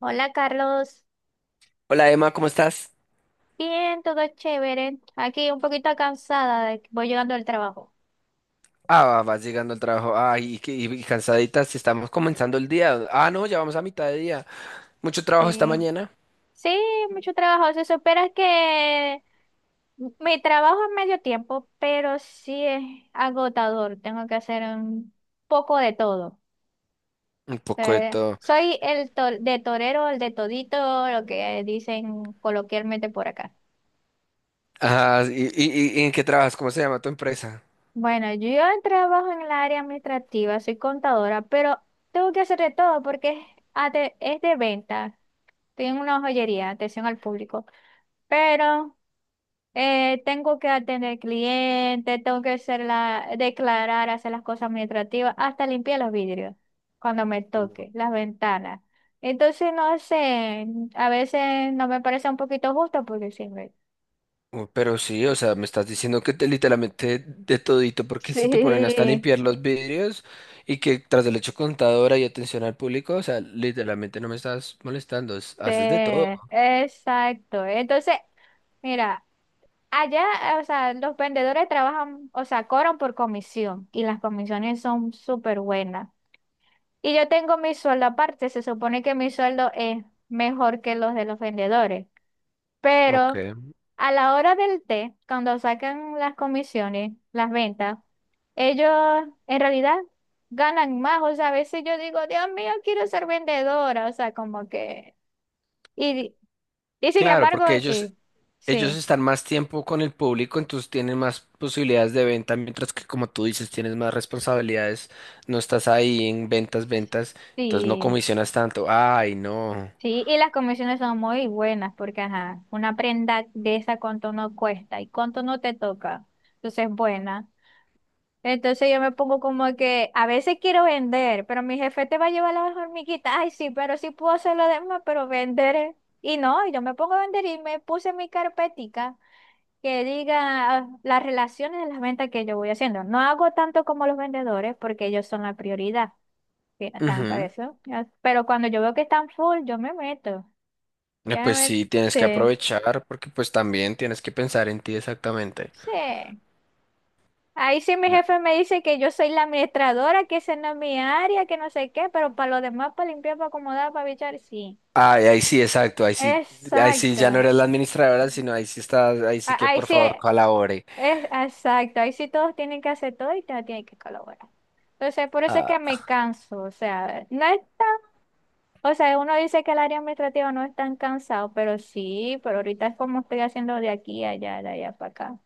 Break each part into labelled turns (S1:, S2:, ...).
S1: Hola, Carlos,
S2: Hola Emma, ¿cómo estás?
S1: bien, todo chévere. Aquí un poquito cansada de que voy llegando del trabajo.
S2: Ah, vas llegando al trabajo. Ay, y cansaditas, estamos comenzando el día. Ah, no, ya vamos a mitad de día. Mucho trabajo esta
S1: Sí,
S2: mañana.
S1: sí, mucho trabajo. Se supera que mi trabajo es medio tiempo, pero sí es agotador. Tengo que hacer un poco de todo.
S2: Un poco de todo.
S1: Soy el to- de torero, el de todito, lo que dicen coloquialmente por acá.
S2: Ah, ¿Y en qué trabajas? ¿Cómo se llama tu empresa?
S1: Bueno, yo trabajo en el área administrativa, soy contadora, pero tengo que hacer de todo porque es, es de venta. Estoy en una joyería, atención al público. Pero tengo que atender clientes, tengo que hacer la, declarar, hacer las cosas administrativas, hasta limpiar los vidrios cuando me toque, las ventanas. Entonces, no sé, a veces no me parece un poquito justo porque siempre.
S2: Uy, pero sí, o sea, me estás diciendo que te literalmente de todito, porque si te ponen hasta a
S1: Sí.
S2: limpiar los vidrios y que tras el hecho contadora y atención al público, o sea, literalmente no me estás molestando,
S1: Sí,
S2: haces de todo.
S1: exacto. Entonces, mira, allá, o sea, los vendedores trabajan, o sea, cobran por comisión y las comisiones son súper buenas. Y yo tengo mi sueldo aparte, se supone que mi sueldo es mejor que los de los vendedores,
S2: Ok.
S1: pero a la hora del té, cuando sacan las comisiones, las ventas, ellos en realidad ganan más. O sea, a veces yo digo, Dios mío, quiero ser vendedora, o sea, como que... Y y sin
S2: Claro,
S1: embargo,
S2: porque ellos,
S1: sí,
S2: Ellos
S1: sí,
S2: están más tiempo con el público, entonces tienen más posibilidades de venta, mientras que como tú dices, tienes más responsabilidades, no estás ahí en ventas, ventas, entonces no
S1: sí,
S2: comisionas tanto. Ay, no.
S1: sí, y las comisiones son muy buenas porque, ajá, una prenda de esa cuánto no cuesta y cuánto no te toca, entonces es buena. Entonces yo me pongo como que a veces quiero vender, pero mi jefe te va a llevar las hormiguitas, ay sí, pero sí puedo hacer lo demás, pero vender, eh. Y no, y yo me pongo a vender y me puse mi carpetica que diga ah, las relaciones de las ventas que yo voy haciendo. No hago tanto como los vendedores porque ellos son la prioridad. Sí, están para
S2: Ujú.
S1: eso. Pero cuando yo veo que están full, yo me meto. Ya me
S2: Pues
S1: meto.
S2: sí, tienes que
S1: Sí,
S2: aprovechar porque pues también tienes que pensar en ti exactamente.
S1: sí. Ahí sí mi jefe me dice que yo soy la administradora, que esa no es mi área, que no sé qué, pero para lo demás, para limpiar, para acomodar, para bichar, sí.
S2: Ay, ahí sí, exacto, ahí sí
S1: Exacto.
S2: ya no eres la administradora, sino ahí sí estás, ahí sí que
S1: Ahí
S2: por
S1: sí,
S2: favor colabore.
S1: es exacto. Ahí sí todos tienen que hacer todo y todos tienen que colaborar. Entonces, por eso es
S2: Ah,
S1: que me canso. O sea, no es. O sea, uno dice que el área administrativa no es tan cansado, pero sí, pero ahorita es como estoy haciendo de aquí a allá, de allá para acá.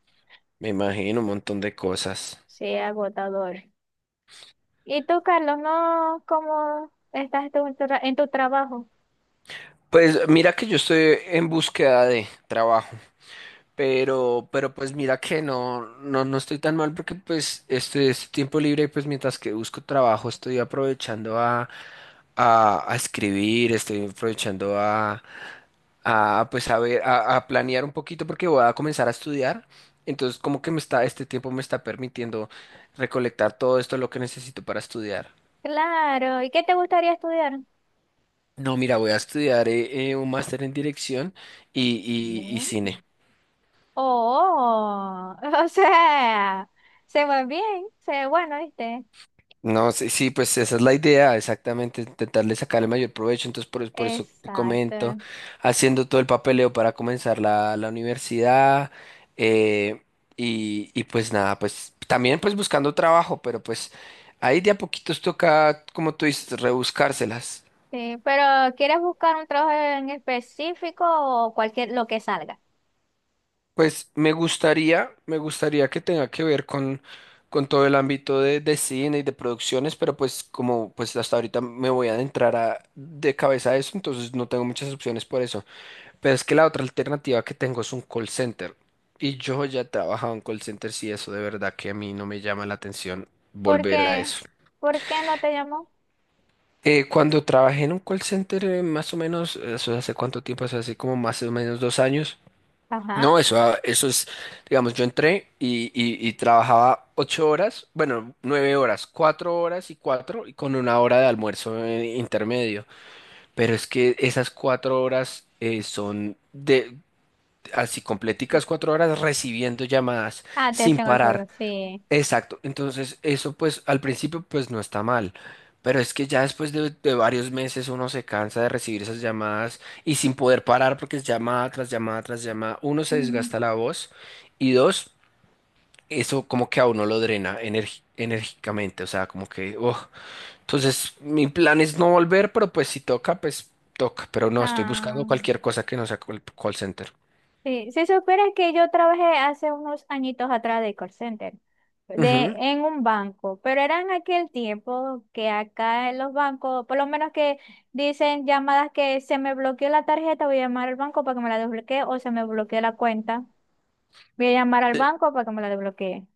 S2: me imagino un montón de cosas.
S1: Sí, es agotador. ¿Y tú, Carlos, no? ¿Cómo estás tú en tu, en tu trabajo?
S2: Pues mira que yo estoy en búsqueda de trabajo. Pero pues mira que no estoy tan mal porque pues este tiempo libre, pues mientras que busco trabajo, estoy aprovechando a escribir, estoy aprovechando a pues a ver, a planear un poquito porque voy a comenzar a estudiar. Entonces, como que este tiempo me está permitiendo recolectar todo esto lo que necesito para estudiar.
S1: Claro. ¿Y qué te gustaría estudiar?
S2: No, mira, voy a estudiar un máster en dirección y, y
S1: Mm.
S2: cine.
S1: Oh, o sea, se va bien, se ve bueno, ¿viste?
S2: No, sí, sí, pues esa es la idea, exactamente, intentarle sacar el mayor provecho, entonces por eso te comento,
S1: Exacto.
S2: haciendo todo el papeleo para comenzar la universidad, eh, y pues nada, pues también pues buscando trabajo, pero pues ahí de a poquitos toca, como tú dices, rebuscárselas.
S1: Sí, pero ¿quieres buscar un trabajo en específico o cualquier lo que salga?
S2: Pues me gustaría que tenga que ver con todo el ámbito de cine y de producciones, pero pues como pues hasta ahorita me voy a adentrar de cabeza a eso, entonces no tengo muchas opciones por eso. Pero es que la otra alternativa que tengo es un call center. Y yo ya he trabajado en call centers y eso de verdad que a mí no me llama la atención
S1: ¿Por
S2: volver a
S1: qué?
S2: eso.
S1: ¿Por qué no te llamó?
S2: Cuando trabajé en un call center, más o menos, eso hace cuánto tiempo, eso hace como más o menos 2 años.
S1: Ajá.
S2: No, eso es, digamos, yo entré y trabajaba 8 horas, bueno, 9 horas, 4 horas y cuatro, y con una hora de almuerzo intermedio. Pero es que esas 4 horas son de así completicas 4 horas recibiendo llamadas
S1: Ah,
S2: sin
S1: atención al público,
S2: parar.
S1: sí.
S2: Exacto, entonces eso pues al principio pues no está mal, pero es que ya después de varios meses uno se cansa de recibir esas llamadas y sin poder parar porque es llamada tras llamada tras llamada, uno se
S1: Mm.
S2: desgasta la voz y dos, eso como que a uno lo drena enérgicamente, o sea, como que, oh, entonces mi plan es no volver, pero pues si toca, pues toca, pero no, estoy buscando
S1: Ah,
S2: cualquier cosa que no sea call center.
S1: sí. Si supieras que yo trabajé hace unos añitos atrás de call center, de,
S2: Ujú.
S1: en un banco, pero era en aquel tiempo que acá en los bancos, por lo menos que dicen llamadas que se me bloqueó la tarjeta, voy a llamar al banco para que me la desbloquee, o se me bloqueó la cuenta, voy a llamar al banco para que me la desbloquee.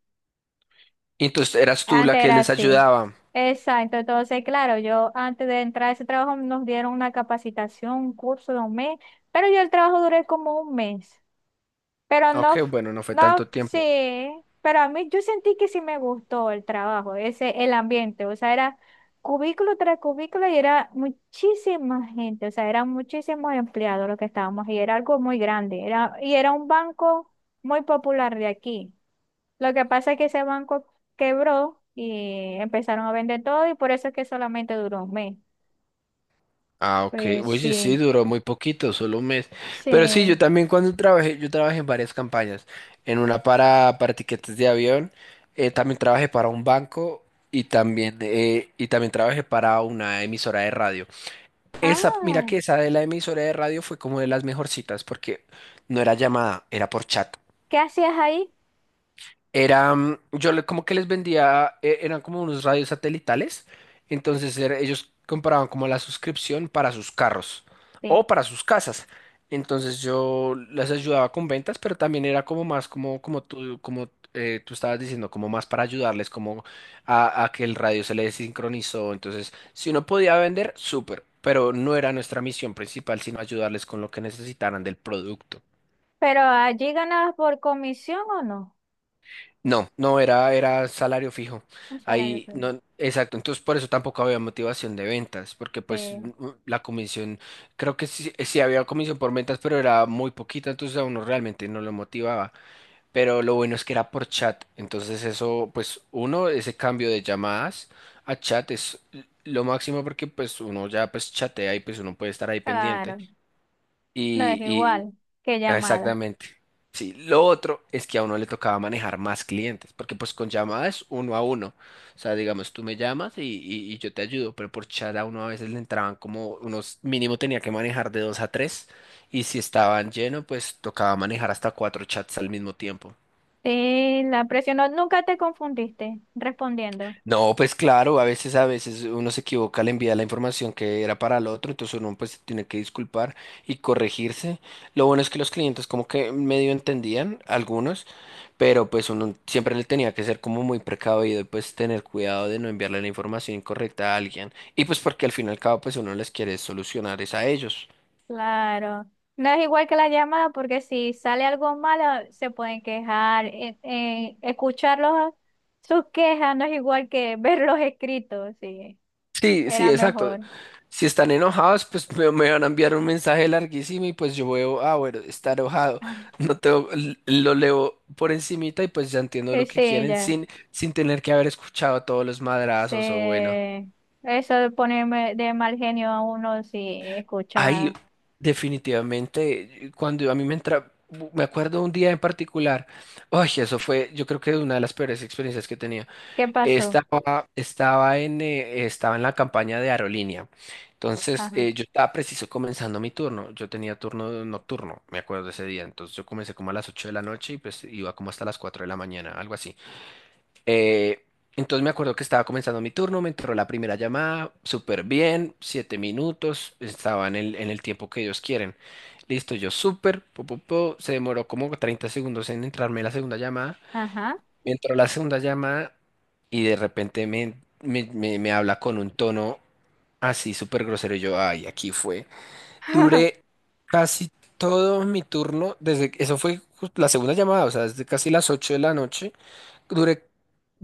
S2: Y entonces eras tú la
S1: Antes
S2: que
S1: era
S2: les
S1: así.
S2: ayudaba.
S1: Exacto. Entonces, claro, yo antes de entrar a ese trabajo nos dieron una capacitación, un curso de un mes, pero yo el trabajo duré como un mes. Pero no,
S2: Ok, bueno, no fue
S1: no,
S2: tanto tiempo.
S1: sí, pero a mí yo sentí que sí me gustó el trabajo, ese, el ambiente, o sea, era cubículo tras cubículo y era muchísima gente, o sea, eran muchísimos empleados los que estábamos y era algo muy grande, era, y era un banco muy popular de aquí. Lo que pasa es que ese banco quebró y empezaron a vender todo y por eso es que solamente duró un mes.
S2: Ah, ok.
S1: Pues
S2: Oye, sí,
S1: sí,
S2: duró muy poquito, solo un mes. Pero sí, yo
S1: sí.
S2: también cuando trabajé, yo trabajé en varias campañas. En una para tiquetes de avión, también trabajé para un banco y también trabajé para una emisora de radio. Esa, mira
S1: Ah,
S2: que esa de la emisora de radio fue como de las mejorcitas porque no era llamada, era por chat.
S1: ¿qué hacías ahí?
S2: Era, mm, yo le- Como que les vendía, eran como unos radios satelitales, entonces ellos compraban como la suscripción para sus carros
S1: Sí.
S2: o para sus casas. Entonces yo les ayudaba con ventas, pero también era como más como tú, como tú estabas diciendo, como más para ayudarles, como a que el radio se les sincronizó. Entonces, si uno podía vender, súper, pero no era nuestra misión principal, sino ayudarles con lo que necesitaran del producto.
S1: ¿Pero allí ganabas por comisión o no?
S2: No, no, era salario fijo.
S1: Un salario
S2: Ahí,
S1: previo.
S2: no, exacto. Entonces, por eso tampoco había motivación de ventas, porque
S1: Sí,
S2: pues la comisión, creo que sí, sí había comisión por ventas, pero era muy poquita, entonces a uno realmente no lo motivaba. Pero lo bueno es que era por chat. Entonces, ese cambio de llamadas a chat es lo máximo porque pues uno ya pues chatea y pues uno puede estar ahí pendiente.
S1: claro. No es
S2: Y,
S1: igual. Qué llamada.
S2: Exactamente. Sí, lo otro es que a uno le tocaba manejar más clientes, porque pues con llamadas uno a uno. O sea, digamos, tú me llamas y yo te ayudo, pero por chat a uno a veces le entraban como unos, mínimo tenía que manejar de 2 a 3, y si estaban lleno, pues tocaba manejar hasta cuatro chats al mismo tiempo.
S1: Sí, la presión. No, nunca te confundiste respondiendo.
S2: No, pues claro, a veces uno se equivoca, le envía la información que era para el otro, entonces uno pues tiene que disculpar y corregirse. Lo bueno es que los clientes como que medio entendían, algunos, pero pues uno siempre le tenía que ser como muy precavido y pues tener cuidado de no enviarle la información incorrecta a alguien. Y pues porque al fin y al cabo pues uno les quiere solucionar es a ellos.
S1: Claro. No es igual que la llamada porque si sale algo malo se pueden quejar. Escucharlos sus quejas no es igual que verlos escritos, sí.
S2: Sí, sí,
S1: Era
S2: exacto.
S1: mejor.
S2: Si están enojados, pues me van a enviar un mensaje larguísimo y pues yo veo, ah, bueno, está enojado.
S1: Ah,
S2: No tengo, l- Lo leo por encimita y pues ya entiendo
S1: sí,
S2: lo que
S1: sí,
S2: quieren
S1: ya.
S2: sin tener que haber escuchado todos los
S1: Sí.
S2: madrazos o bueno.
S1: Eso de ponerme de mal genio a uno si
S2: Ahí,
S1: escucha.
S2: definitivamente, cuando a mí me entra, me acuerdo un día en particular, ay, yo creo que una de las peores experiencias que tenía.
S1: ¿Qué pasó?
S2: Estaba en la campaña de aerolínea. Entonces,
S1: Ajá.
S2: yo estaba preciso comenzando mi turno. Yo tenía turno nocturno, me acuerdo de ese día. Entonces, yo comencé como a las 8 de la noche y pues iba como hasta las 4 de la mañana, algo así. Eh, entonces, me acuerdo que estaba comenzando mi turno, me entró la primera llamada, súper bien, 7 minutos, estaba en el, tiempo que ellos quieren. Listo, yo súper, se demoró como 30 segundos en entrarme la segunda llamada.
S1: Ajá.
S2: Me entró la segunda llamada y de repente me habla con un tono así súper grosero. Y yo, ay, aquí fue. Duré casi todo mi turno, desde eso fue la segunda llamada, o sea, desde casi las 8 de la noche. Duré,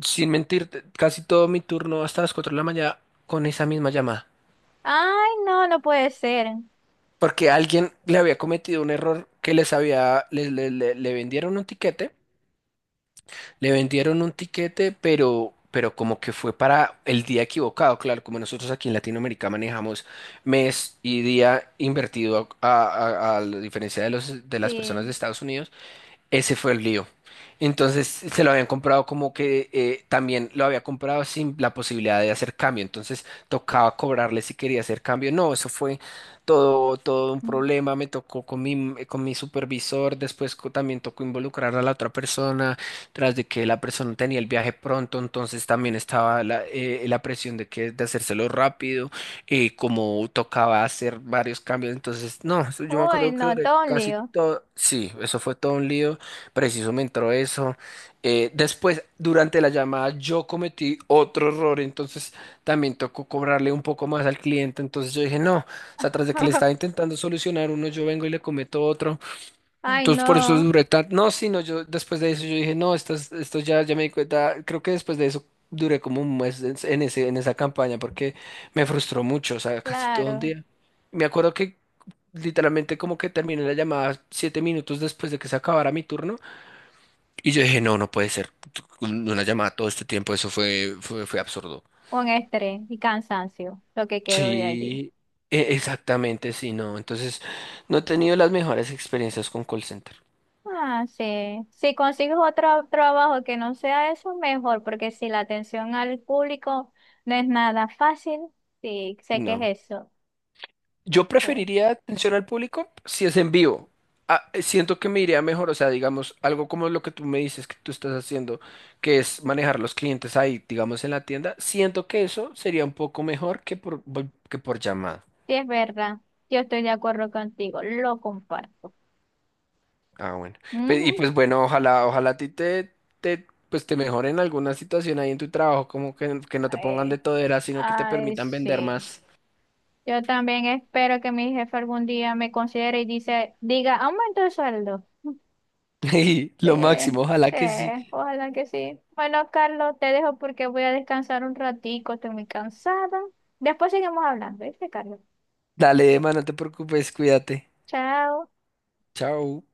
S2: sin mentir, casi todo mi turno hasta las 4 de la mañana con esa misma llamada.
S1: Ay, no, no puede ser.
S2: Porque alguien le había cometido un error que les había, le, le le- le vendieron un tiquete. Le vendieron un tiquete, pero como que fue para el día equivocado. Claro, como nosotros aquí en Latinoamérica manejamos mes y día invertido a la diferencia de los, de las personas de
S1: Sí.
S2: Estados Unidos, ese fue el lío. Entonces se lo habían comprado como que también lo había comprado sin la posibilidad de hacer cambio. Entonces tocaba cobrarle si quería hacer cambio. No, eso fue todo un problema. Me tocó con con mi supervisor. Después también tocó involucrar a la otra persona, tras de que la persona tenía el viaje pronto. Entonces también estaba la presión de que de hacérselo rápido. Como tocaba hacer varios cambios. Entonces, no, yo me
S1: Uy,
S2: acuerdo que
S1: no,
S2: duré
S1: todo un
S2: casi
S1: lío.
S2: todo. Sí, eso fue todo un lío. Preciso me entró eso. Después, durante la llamada, yo cometí otro error, entonces también tocó cobrarle un poco más al cliente. Entonces yo dije, no, o sea, tras de que le estaba intentando solucionar uno, yo vengo y le cometo otro.
S1: Ay,
S2: Entonces por eso
S1: no,
S2: duré tanto. No, sino yo después de eso yo dije, no, esto ya, me di cuenta. Creo que después de eso duré como un mes en esa campaña porque me frustró mucho, o sea, casi todo un
S1: claro.
S2: día. Me acuerdo que literalmente como que terminé la llamada 7 minutos después de que se acabara mi turno. Y yo dije, no, no puede ser. Una llamada todo este tiempo, eso fue absurdo.
S1: Un estrés y cansancio, lo que quedó de allí.
S2: Sí, exactamente, sí, no. Entonces, no he tenido las mejores experiencias con call center.
S1: Ah, sí. Si consigues otro trabajo que no sea eso, mejor, porque si la atención al público no es nada fácil, sí, sé que
S2: No.
S1: es eso.
S2: Yo
S1: Sí,
S2: preferiría atención al público si es en vivo. Ah, siento que me iría mejor, o sea, digamos, algo como lo que tú me dices que tú estás haciendo, que es manejar los clientes ahí, digamos, en la tienda. Siento que eso sería un poco mejor que por llamada.
S1: sí, es verdad. Yo estoy de acuerdo contigo, lo comparto.
S2: Ah, bueno. Y
S1: Ujú.
S2: pues bueno, ojalá a ti te mejoren alguna situación ahí en tu trabajo, como que no te pongan de
S1: Ay,
S2: todera, sino que te
S1: ay,
S2: permitan vender
S1: sí.
S2: más.
S1: Yo también espero que mi jefe algún día me considere y dice, diga, aumento el sueldo.
S2: Y
S1: Sí,
S2: lo máximo, ojalá
S1: sí,
S2: que sí.
S1: ojalá que sí. Bueno, Carlos, te dejo porque voy a descansar un ratico, estoy muy cansada. Después seguimos hablando, ¿viste, Carlos?
S2: Dale, Emma, no te preocupes, cuídate.
S1: Chao.
S2: Chao.